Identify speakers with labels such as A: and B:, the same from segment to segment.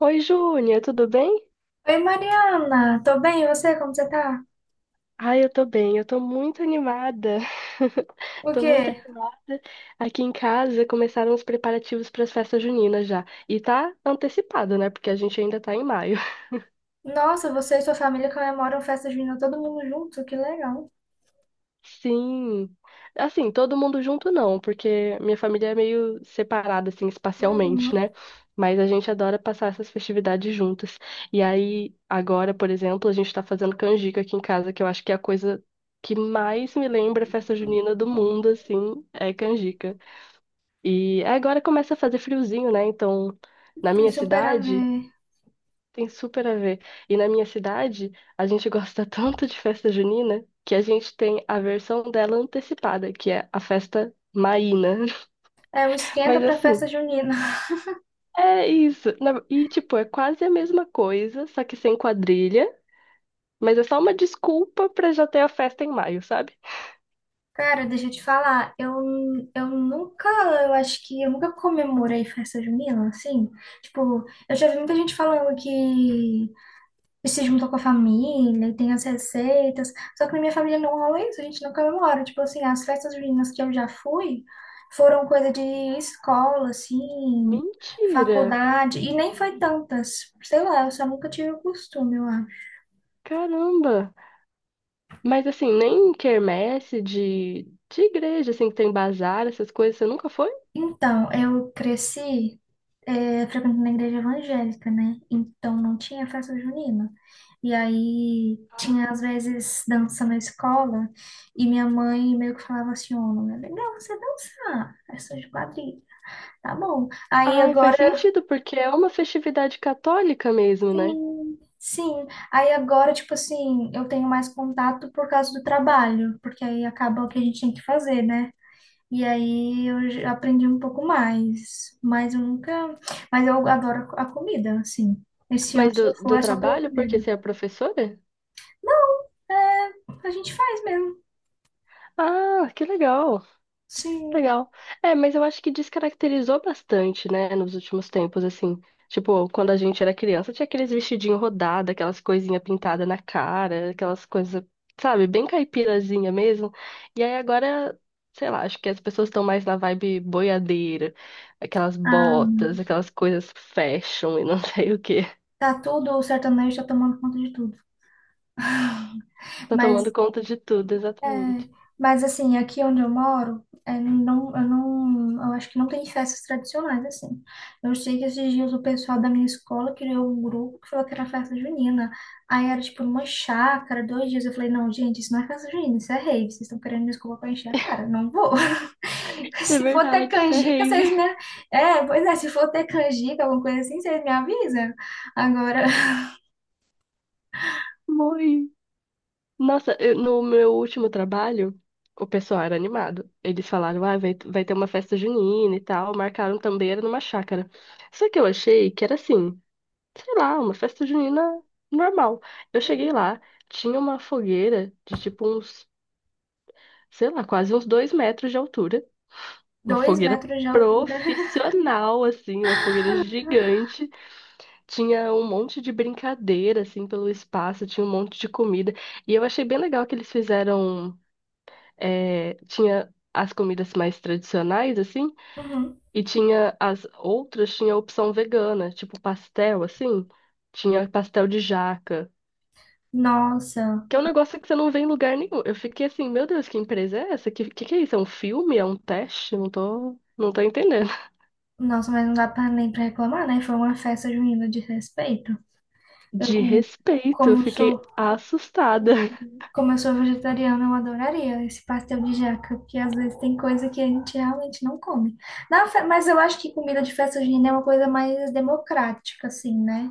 A: Oi, Júnia, tudo bem?
B: Oi, Mariana, tô bem, e você? Como você tá?
A: Ai, eu tô muito animada.
B: O
A: Tô muito
B: quê?
A: animada. Aqui em casa começaram os preparativos para as festas juninas já. E tá antecipado, né? Porque a gente ainda tá em maio.
B: Nossa, você e sua família comemoram festa junina todo mundo junto, que legal.
A: Sim. Assim, todo mundo junto não, porque minha família é meio separada, assim, espacialmente,
B: Uhum,
A: né? Mas a gente adora passar essas festividades juntas. E aí, agora, por exemplo, a gente tá fazendo canjica aqui em casa, que eu acho que é a coisa que mais me lembra a festa junina do mundo, assim, é canjica. E agora começa a fazer friozinho, né? Então, na
B: tem
A: minha
B: super a
A: cidade.
B: ver.
A: Tem super a ver. E na minha cidade, a gente gosta tanto de festa junina que a gente tem a versão dela antecipada, que é a festa maína.
B: É o esquenta
A: Mas
B: pra
A: assim,
B: festa junina.
A: é isso. E tipo, é quase a mesma coisa, só que sem quadrilha, mas é só uma desculpa pra já ter a festa em maio, sabe?
B: Cara, deixa eu te falar, eu nunca, eu acho que eu nunca comemorei festa junina, assim. Tipo, eu já vi muita gente falando que e se juntou com a família e tem as receitas. Só que na minha família não rola isso, a gente não comemora. Tipo assim, as festas juninas que eu já fui foram coisa de escola, assim,
A: Mentira!
B: faculdade, e nem foi tantas. Sei lá, eu só nunca tive o costume, lá.
A: Caramba! Mas assim, nem quermesse de igreja, assim, que tem bazar, essas coisas, você nunca foi?
B: Então, eu cresci frequentando a igreja evangélica, né? Então não tinha festa junina. E aí tinha às
A: Ah.
B: vezes dança na escola e minha mãe meio que falava assim, ô, não é legal você dançar, é só de quadrilha, tá bom. Aí
A: Ai, faz
B: agora,
A: sentido, porque é uma festividade católica mesmo, né?
B: sim, sim. Aí agora, tipo assim, eu tenho mais contato por causa do trabalho, porque aí acaba o que a gente tem que fazer, né? E aí eu já aprendi um pouco mais, mas eu nunca, mas eu adoro a comida, assim. Esse ano,
A: Mas
B: se eu
A: do,
B: for,
A: do
B: é só pela
A: trabalho, porque
B: comida.
A: você é professora?
B: Não, é, a gente faz mesmo.
A: Ah, que legal, que
B: Sim.
A: legal. É, mas eu acho que descaracterizou bastante, né, nos últimos tempos, assim. Tipo, quando a gente era criança, tinha aqueles vestidinhos rodados, aquelas coisinhas pintadas na cara, aquelas coisas, sabe, bem caipirazinha mesmo. E aí agora, sei lá, acho que as pessoas estão mais na vibe boiadeira, aquelas
B: Ah,
A: botas, aquelas coisas fashion e não sei o quê.
B: tá tudo, o sertanejo tá tomando conta de tudo.
A: Tô tomando
B: Mas
A: conta de tudo,
B: é,
A: exatamente.
B: mas assim, aqui onde eu moro, é, não, eu acho que não tem festas tradicionais, assim. Eu sei que esses dias o pessoal da minha escola criou um grupo que falou que era festa junina. Aí era tipo uma chácara, dois dias. Eu falei, não, gente, isso não é festa junina, isso é rave. Vocês estão querendo me desculpa pra encher a cara. Não vou.
A: Isso é
B: Se for ter
A: verdade, isso é
B: canjica,
A: rave.
B: vocês me... É, pois é, se for ter canjica, alguma coisa assim, vocês me avisam. Agora,
A: Morri. Nossa, no meu último trabalho, o pessoal era animado. Eles falaram, ah, vai ter uma festa junina e tal. Marcaram também, era numa chácara. Só que eu achei que era assim, sei lá, uma festa junina normal. Eu cheguei lá, tinha uma fogueira de tipo uns, sei lá, quase uns dois metros de altura. Uma
B: dois
A: fogueira
B: metros de altura.
A: profissional, assim, uma fogueira gigante. Tinha um monte de brincadeira, assim, pelo espaço, tinha um monte de comida. E eu achei bem legal que eles fizeram. É, tinha as comidas mais tradicionais, assim,
B: Uhum.
A: e tinha as outras, tinha a opção vegana, tipo pastel, assim. Tinha pastel de jaca,
B: Nossa,
A: que é um negócio que você não vê em lugar nenhum. Eu fiquei assim, meu Deus, que empresa é essa? Que que é isso? É um filme? É um teste? Não tô entendendo.
B: Nossa, mas não dá pra nem pra reclamar, né? Foi uma festa junina de respeito. Eu,
A: De
B: com-
A: respeito, eu
B: como
A: fiquei
B: sou,
A: assustada.
B: como eu sou vegetariana, eu adoraria esse pastel de jaca, porque às vezes tem coisa que a gente realmente não come. Na fe- mas eu acho que comida de festa junina é uma coisa mais democrática, assim, né?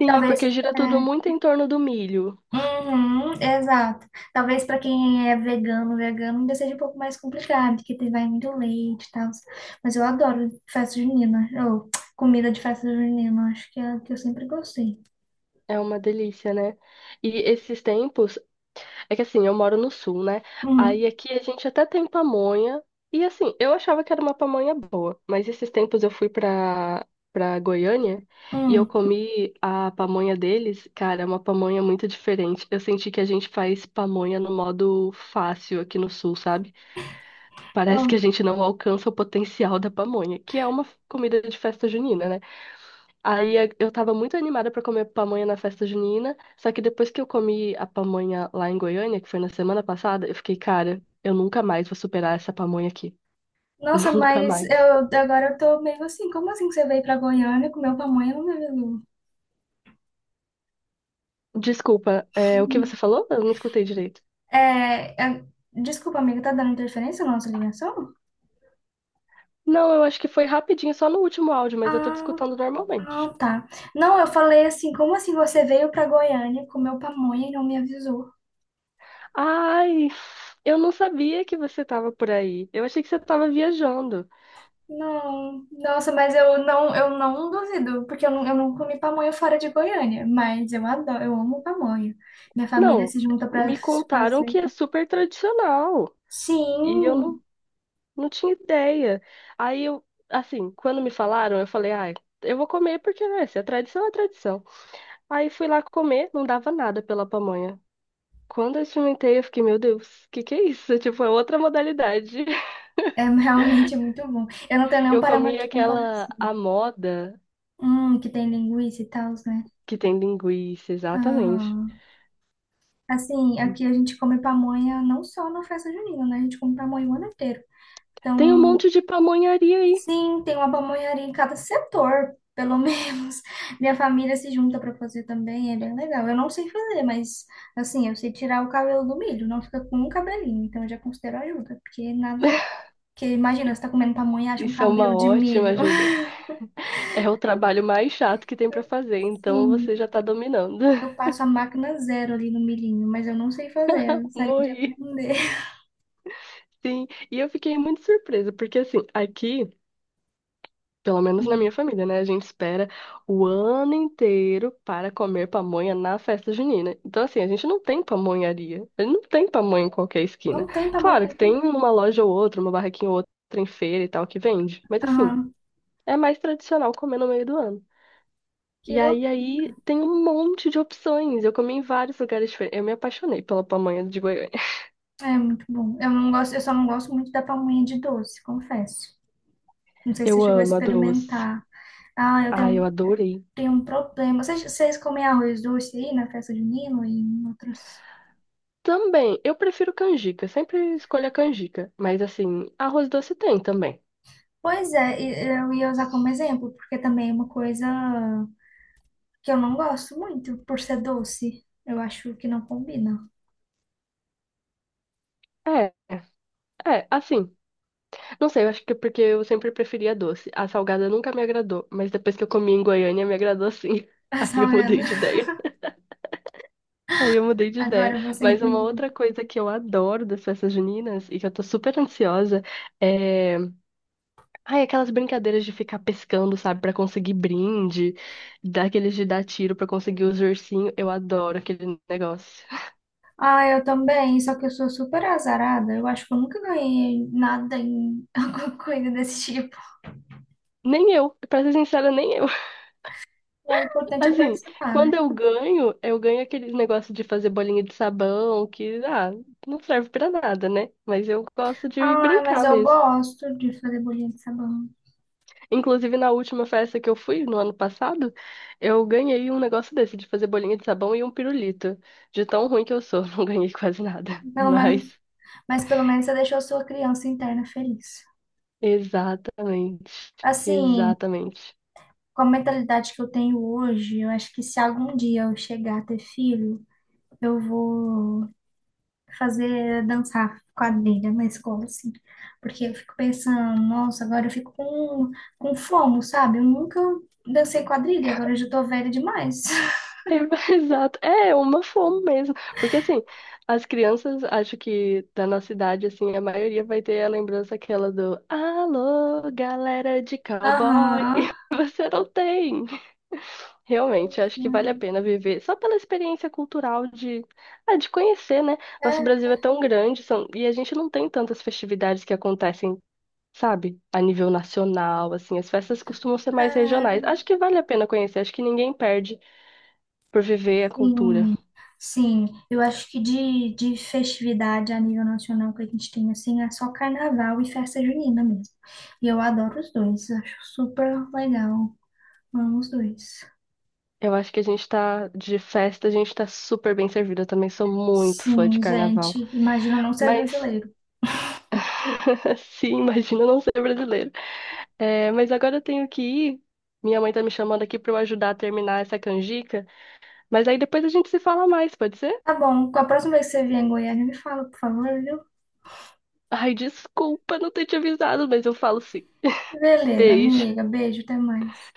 A: Sim,
B: Talvez.
A: porque gira
B: É,
A: tudo muito em torno do milho.
B: uhum, exato. Talvez para quem é vegano, vegano ainda seja um pouco mais complicado, porque tem vai muito leite e tal. Mas eu adoro festa junina, ou comida de festa junina, acho que é a que eu sempre gostei.
A: É uma delícia, né? E esses tempos, é que assim, eu moro no sul, né?
B: Uhum,
A: Aí aqui a gente até tem pamonha. E assim, eu achava que era uma pamonha boa, mas esses tempos eu fui pra Goiânia e eu
B: uhum.
A: comi a pamonha deles. Cara, é uma pamonha muito diferente. Eu senti que a gente faz pamonha no modo fácil aqui no sul, sabe? Parece que
B: Oh,
A: a gente não alcança o potencial da pamonha, que é uma comida de festa junina, né? Aí eu tava muito animada pra comer pamonha na festa junina, só que depois que eu comi a pamonha lá em Goiânia, que foi na semana passada, eu fiquei, cara, eu nunca mais vou superar essa pamonha aqui.
B: nossa,
A: Nunca
B: mas
A: mais.
B: eu agora eu tô meio assim, como assim que você veio pra Goiânia e comeu pamonha no meu...
A: Desculpa, o que
B: Uhum.
A: você falou? Eu não escutei direito.
B: É, é, desculpa, amiga, tá dando interferência na nossa ligação?
A: Não, eu acho que foi rapidinho, só no último áudio, mas eu tô te
B: Ah,
A: escutando
B: ah,
A: normalmente.
B: tá. Não, eu falei assim, como assim você veio pra Goiânia, comeu pamonha e não me avisou?
A: Ai, eu não sabia que você tava por aí. Eu achei que você tava viajando.
B: Não, nossa, mas eu não duvido, porque eu não comi pamonha fora de Goiânia, mas eu adoro, eu amo pamonha. Minha família
A: Não,
B: se junta pra
A: me contaram
B: fazer.
A: que é super tradicional. E eu não
B: Sim,
A: Não tinha ideia. Aí eu, assim, quando me falaram, eu falei, ai, eu vou comer porque, né, se é tradição, é tradição. Aí fui lá comer, não dava nada pela pamonha. Quando eu experimentei, eu fiquei, meu Deus, o que que é isso? Tipo, é outra modalidade.
B: é realmente muito bom. Eu não tenho nenhum
A: Eu comi
B: parâmetro de
A: aquela,
B: comparação.
A: a moda
B: Que tem linguiça e tal, né?
A: que tem linguiça, exatamente.
B: Aham. Assim, aqui a gente come pamonha não só na festa junina, né? A gente come pamonha o ano inteiro.
A: Tem um
B: Então,
A: monte de pamonharia aí.
B: sim, tem uma pamonharia em cada setor, pelo menos. Minha família se junta para fazer também, é bem legal. Eu não sei fazer, mas assim, eu sei tirar o cabelo do milho, não fica com um cabelinho, então eu já considero ajuda, porque nada. Porque imagina, você tá comendo pamonha e acha um
A: Isso é uma
B: cabelo de
A: ótima
B: milho.
A: ajuda. É o trabalho mais chato que tem pra fazer, então
B: Sim,
A: você já tá dominando.
B: eu passo a máquina zero ali no milhinho, mas eu não sei fazer, eu gostaria de
A: Morri.
B: aprender.
A: Sim, e eu fiquei muito surpresa, porque assim, aqui, pelo menos na minha
B: Hum.
A: família, né, a gente espera o ano inteiro para comer pamonha na festa junina. Então, assim, a gente não tem pamonharia, a gente não tem pamonha em qualquer esquina.
B: Não tem
A: Claro que tem
B: pamonharia.
A: uma loja ou outra, uma barraquinha ou outra em feira e tal que vende, mas assim,
B: Aham,
A: é mais tradicional comer no meio do ano.
B: que
A: E aí,
B: louco.
A: aí tem um monte de opções. Eu comi em vários lugares diferentes. Eu me apaixonei pela pamonha de Goiânia.
B: É muito bom. Eu só não gosto muito da pamonha de doce, confesso. Não sei se você
A: Eu
B: chegou a
A: amo a doce.
B: experimentar. Ah,
A: Ai, eu adorei.
B: tenho um problema. Vocês comem arroz doce aí na festa junina e em outros?
A: Também, eu prefiro canjica, sempre escolho a canjica. Mas assim, arroz doce tem também.
B: Pois é, e- eu ia usar como exemplo, porque também é uma coisa que eu não gosto muito, por ser doce. Eu acho que não combina.
A: É, assim. Não sei, eu acho que é porque eu sempre preferia doce. A salgada nunca me agradou, mas depois que eu comi em Goiânia me agradou sim. Aí
B: Tá
A: eu mudei
B: vendo?
A: de ideia. Aí eu mudei de ideia.
B: Agora você
A: Mas uma
B: entendeu.
A: outra coisa que eu adoro das festas juninas e que eu tô super ansiosa é. Ai, aquelas brincadeiras de ficar pescando, sabe, pra conseguir brinde, daqueles de dar tiro pra conseguir os ursinhos. Eu adoro aquele negócio.
B: Ah, eu também, só que eu sou super azarada. Eu acho que eu nunca ganhei nada em alguma coisa desse tipo.
A: Nem eu, pra ser sincera, nem eu.
B: Mas o importante é
A: Assim,
B: participar, né?
A: quando eu ganho aquele negócio de fazer bolinha de sabão, que, ah, não serve pra nada, né? Mas eu gosto de
B: Ai, mas
A: brincar
B: eu
A: mesmo.
B: gosto de fazer bolinha de sabão.
A: Inclusive, na última festa que eu fui, no ano passado, eu ganhei um negócio desse, de fazer bolinha de sabão e um pirulito. De tão ruim que eu sou, não ganhei quase nada.
B: Pelo menos,
A: Mas,
B: mas pelo menos você deixou sua criança interna feliz.
A: exatamente,
B: Assim,
A: exatamente.
B: com a mentalidade que eu tenho hoje, eu acho que se algum dia eu chegar a ter filho, eu vou fazer dançar quadrilha na escola, assim. Porque eu fico pensando, nossa, agora eu fico com fomo, sabe? Eu nunca dancei quadrilha, agora eu já tô velha demais.
A: Exato, é uma fome mesmo, porque assim, as crianças, acho que da nossa idade, assim, a maioria vai ter a lembrança aquela do Alô, galera de cowboy, e
B: Aham.
A: você não tem. Realmente, acho que vale a pena viver só pela experiência cultural de, ah, de conhecer, né? Nosso
B: É,
A: Brasil é tão grande, são... e a gente não tem tantas festividades que acontecem, sabe, a nível nacional, assim, as festas costumam ser mais
B: é.
A: regionais. Acho que vale a pena conhecer, acho que ninguém perde por viver a cultura.
B: Sim, sim. Eu acho que de festividade a nível nacional que a gente tem, assim, é só carnaval e festa junina mesmo. E eu adoro os dois, acho super legal. Amo os dois.
A: Eu acho que a gente tá de festa, a gente tá super bem servido. Eu também sou muito fã de
B: Sim,
A: carnaval.
B: gente, imagina não ser
A: Mas,
B: brasileiro.
A: sim, imagina eu não ser brasileiro. É, mas agora eu tenho que ir. Minha mãe tá me chamando aqui pra eu ajudar a terminar essa canjica. Mas aí depois a gente se fala mais, pode ser?
B: Tá bom, com a próxima vez que você vier em Goiânia, me fala, por favor, viu?
A: Ai, desculpa não ter te avisado, mas eu falo sim.
B: Beleza,
A: Beijo.
B: amiga, beijo, até mais.